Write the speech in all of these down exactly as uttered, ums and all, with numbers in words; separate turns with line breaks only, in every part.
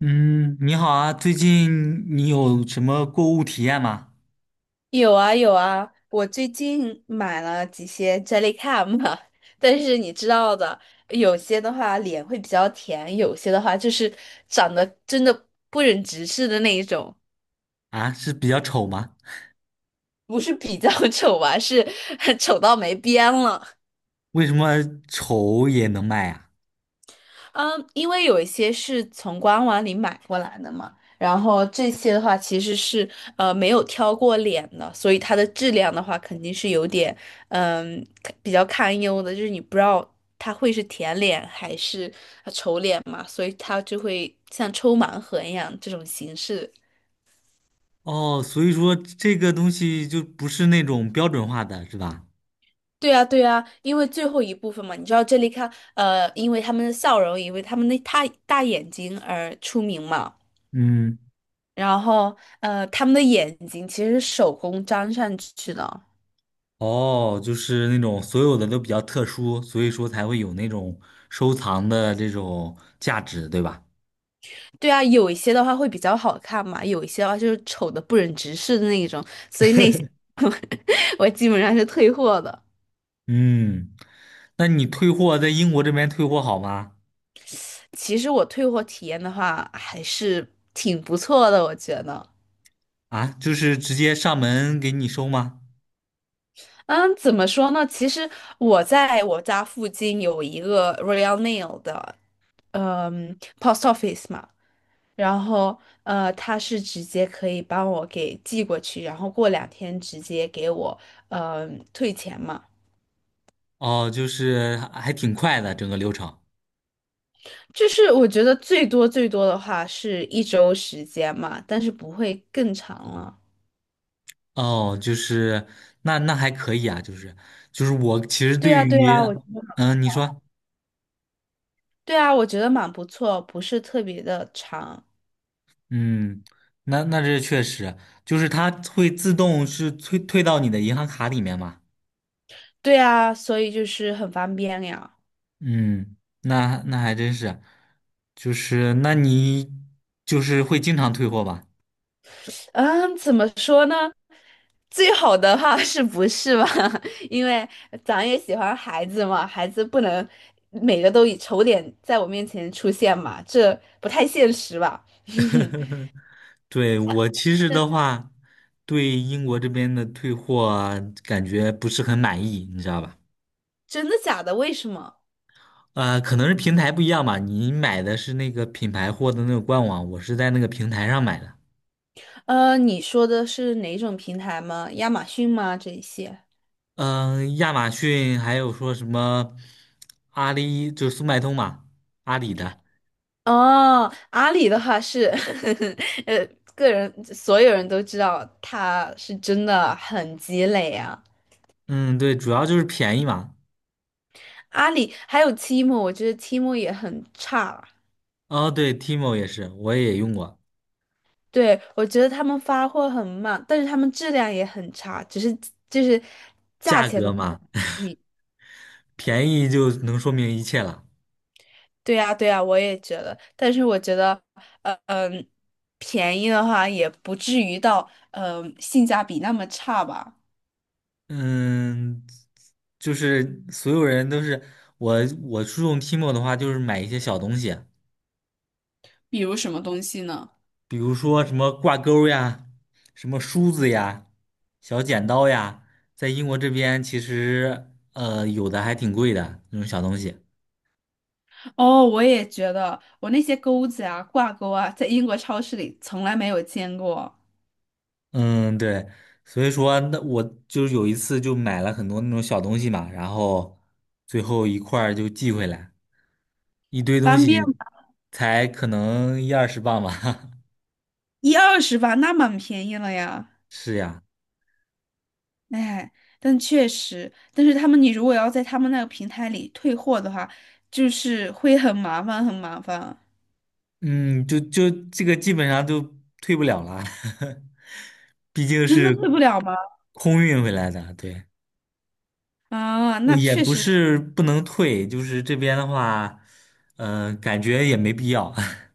嗯，你好啊，最近你有什么购物体验吗？
有啊有啊，我最近买了几些 Jellycam，但是你知道的，有些的话脸会比较甜，有些的话就是长得真的不忍直视的那一种，
啊，是比较丑吗？
不是比较 丑吧，是 丑到没边了。
为什么丑也能卖呀？
嗯，因为有一些是从官网里买过来的嘛，然后这些的话其实是呃没有挑过脸的，所以它的质量的话肯定是有点嗯比较堪忧的，就是你不知道它会是甜脸还是呃丑脸嘛，所以它就会像抽盲盒一样这种形式。
哦，所以说这个东西就不是那种标准化的，是吧？
对啊，对啊，因为最后一部分嘛，你知道这里看呃，因为他们的笑容，因为他们的大大眼睛而出名嘛。
嗯，
然后呃，他们的眼睛其实是手工粘上去的。
哦，就是那种所有的都比较特殊，所以说才会有那种收藏的这种价值，对吧？
对啊，有一些的话会比较好看嘛，有一些的话就是丑的不忍直视的那一种，所以那些 我基本上是退货的。
嗯，那你退货在英国这边退货好吗？
其实我退货体验的话还是挺不错的，我觉得。
啊，就是直接上门给你收吗？
嗯，怎么说呢？其实我在我家附近有一个 Royal Nail 的，嗯，post office 嘛。然后呃，他是直接可以帮我给寄过去，然后过两天直接给我呃退钱嘛。
哦，就是还还挺快的整个流程。
就是我觉得最多最多的话是一周时间嘛，但是不会更长了。
哦，就是那那还可以啊，就是就是我其实
对
对
啊，对
于，
啊，我觉得，
嗯，你说，
对啊，我觉得蛮不错，不是特别的长。
嗯，那那这确实就是它会自动是退退到你的银行卡里面嘛。
对啊，所以就是很方便呀。
嗯，那那还真是，就是那你就是会经常退货吧？
嗯，怎么说呢？最好的话 是不是吧？因为咱也喜欢孩子嘛，孩子不能每个都以丑脸在我面前出现嘛，这不太现实吧？
对，我其实的话，对英国这边的退货啊感觉不是很满意，你知道吧？
真的假的？为什么？
啊、可能是平台不一样吧。你买的是那个品牌货的那个官网，我是在那个平台上买的。
呃，你说的是哪种平台吗？亚马逊吗？这一些？
嗯、亚马逊还有说什么阿里，就是速卖通嘛，阿里的。
哦，阿里的话是，呃，个人所有人都知道他是真的很积累啊。
嗯，对，主要就是便宜嘛。
阿里还有提莫，我觉得提莫也很差。
哦，对，Timo 也是，我也用过，
对，我觉得他们发货很慢，但是他们质量也很差，只是就是价
价
钱的
格
话，
嘛，
你
便宜就能说明一切了。
对呀对呀，我也觉得。但是我觉得，呃嗯，便宜的话也不至于到嗯呃性价比那么差吧。
嗯，就是所有人都是我，我注重 Timo 的话，就是买一些小东西。
比如什么东西呢？
比如说什么挂钩呀，什么梳子呀，小剪刀呀，在英国这边其实呃有的还挺贵的那种小东西。
哦，我也觉得，我那些钩子啊、挂钩啊，在英国超市里从来没有见过，
嗯，对，所以说那我就是有一次就买了很多那种小东西嘛，然后最后一块儿就寄回来，一堆东
方便
西
吧，
才可能一二十磅吧。
一二十吧，那蛮便宜了呀。
是呀，
哎，但确实，但是他们你如果要在他们那个平台里退货的话，就是会很麻烦，很麻烦。
嗯，就就这个基本上就退不了了。毕竟
真的
是
退不了吗？
空运回来的，对，
啊，
呃
那
也
确
不
实，
是不能退，就是这边的话，嗯、感觉也没必要。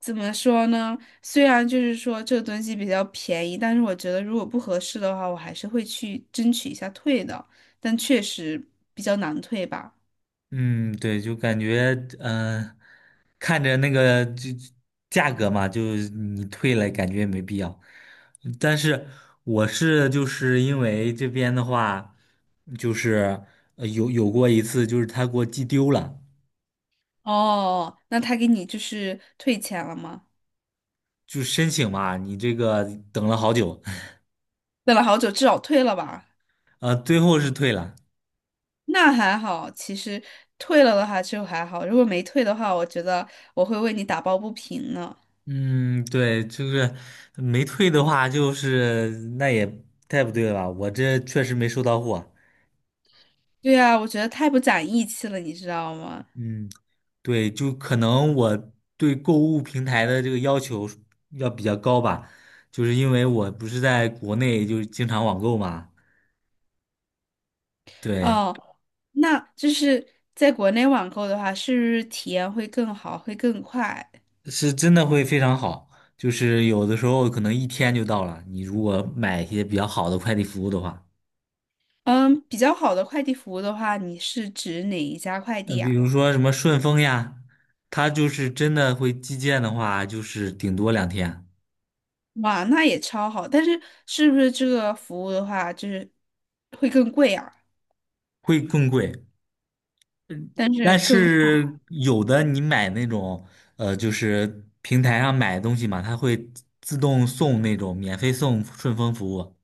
怎么说呢？虽然就是说这个东西比较便宜，但是我觉得如果不合适的话，我还是会去争取一下退的。但确实比较难退吧。
嗯，对，就感觉嗯、呃看着那个就价格嘛，就你退了，感觉也没必要。但是我是就是因为这边的话，就是呃有有过一次，就是他给我寄丢了，
哦，那他给你就是退钱了吗？
就申请嘛，你这个等了好久，
等了好久，至少退了吧。
呃，最后是退了。
那还好，其实退了的话就还好，如果没退的话，我觉得我会为你打抱不平呢。
嗯，对，就是没退的话，就是那也太不对了吧？我这确实没收到货。
对啊，我觉得太不讲义气了，你知道吗？
嗯，对，就可能我对购物平台的这个要求要比较高吧，就是因为我不是在国内就是经常网购嘛，对，
哦，那就是在国内网购的话，是不是体验会更好，会更快？
是真的会非常好，就是有的时候可能一天就到了，你如果买一些比较好的快递服务的话。
嗯，比较好的快递服务的话，你是指哪一家快
呃，
递
比
啊？
如说什么顺丰呀，它就是真的会寄件的话，就是顶多两天，
哇，那也超好，但是是不是这个服务的话，就是会更贵啊？
会更贵。但是有的你买那种，呃，就是平台上买东西嘛，它会自动送那种免费送顺丰服务，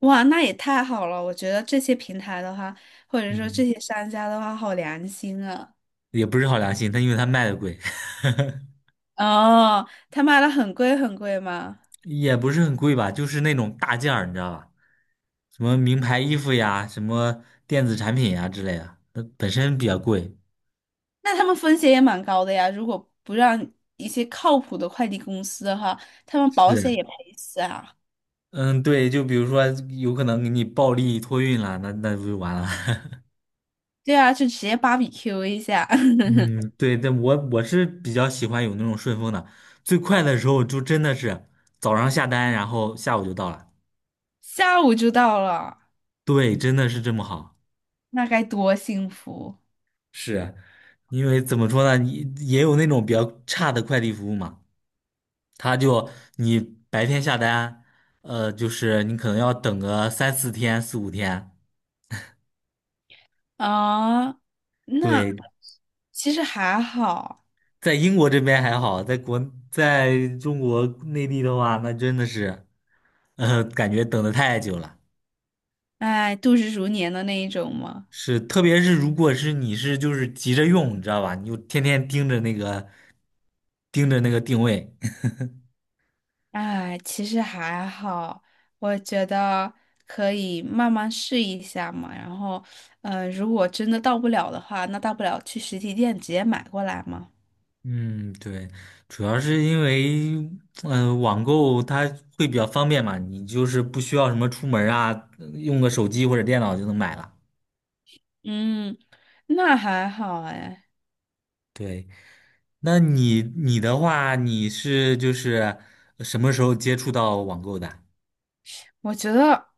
哇，那也太好了！我觉得这些平台的话，或者说
嗯，
这些商家的话，好良心啊。
也不是好良心，它因为它卖的贵，
哦，他卖的很贵很贵吗？
也不是很贵吧，就是那种大件儿，你知道吧？什么名牌衣服呀，什么电子产品呀之类的，它本身比较贵。
那他们风险也蛮高的呀。如果不让一些靠谱的快递公司的话，他们保险
是。
也赔死啊。
嗯，对，就比如说有可能给你暴力托运了，那那不就完了？
对啊，就直接芭比 Q 一下，
嗯，对，但我我是比较喜欢有那种顺丰的，最快的时候就真的是早上下单，然后下午就到了。
下午就到了，
对，真的是这么好。
那该多幸福
是，因为怎么说呢，你也有那种比较差的快递服务嘛，他就你白天下单，呃，就是你可能要等个三四天、四五天。
啊！那
对，
其实还好，
在英国这边还好，在国在中国内地的话，那真的是，呃，感觉等的太久了。
哎，度日如年的那一种嘛。
是，特别是如果是你是就是急着用，你知道吧？你就天天盯着那个盯着那个定位。
哎，其实还好，我觉得可以慢慢试一下嘛。然后，嗯，如果真的到不了的话，那大不了去实体店直接买过来嘛。
嗯，对，主要是因为，嗯、网购它会比较方便嘛，你就是不需要什么出门儿啊，用个手机或者电脑就能买了。
嗯，那还好哎。
对。那你你的话，你是就是什么时候接触到网购的？
我觉得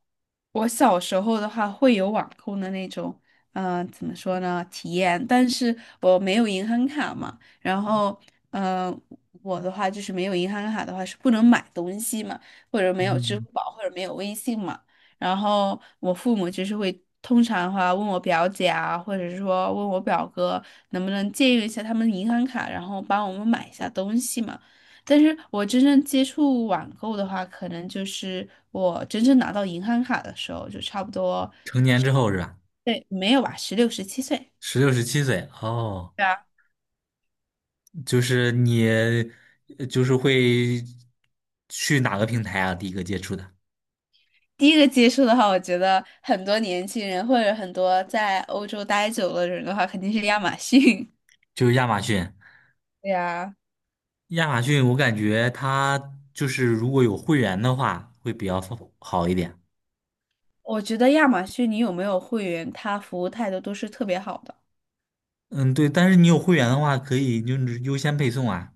我小时候的话会有网购的那种，嗯、怎么说呢，体验，但是我没有银行卡嘛，然后，嗯、我的话就是没有银行卡的话是不能买东西嘛，或者没有支
嗯，
付宝或者没有微信嘛，然后我父母就是会通常的话问我表姐啊，或者是说问我表哥能不能借用一下他们银行卡，然后帮我们买一下东西嘛。但是我真正接触网购的话，可能就是我真正拿到银行卡的时候，就差不多，
成年之后是吧？
对，没有吧，十六、十七岁，
十六、十七岁哦，
对啊。
就是你呃就是会去哪个平台啊？第一个接触的
第一个接触的话，我觉得很多年轻人或者很多在欧洲待久了的人的话，肯定是亚马逊。
就是亚马逊。
对呀，
亚马逊我感觉它就是如果有会员的话会比较好一点。
我觉得亚马逊你有没有会员，他服务态度都是特别好的。
嗯，对，但是你有会员的话可以就是优先配送啊。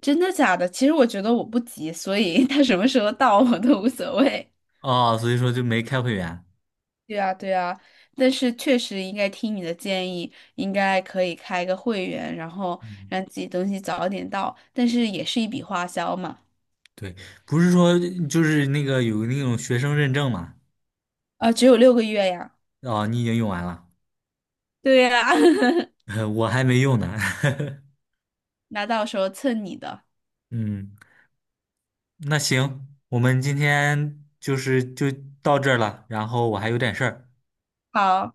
真的假的？其实我觉得我不急，所以 他什么时候到我都无所谓。
哦，所以说就没开会员。
对啊，对啊，但是确实应该听你的建议，应该可以开一个会员，然后让自己东西早点到，但是也是一笔花销嘛。
对，不是说就是那个有那种学生认证嘛？
啊，只有六个月呀。
哦，你已经用完了，
对呀，
我还没用呢。
那到时候蹭你的。
嗯，那行，我们今天就是就到这儿了，然后我还有点事儿。
好。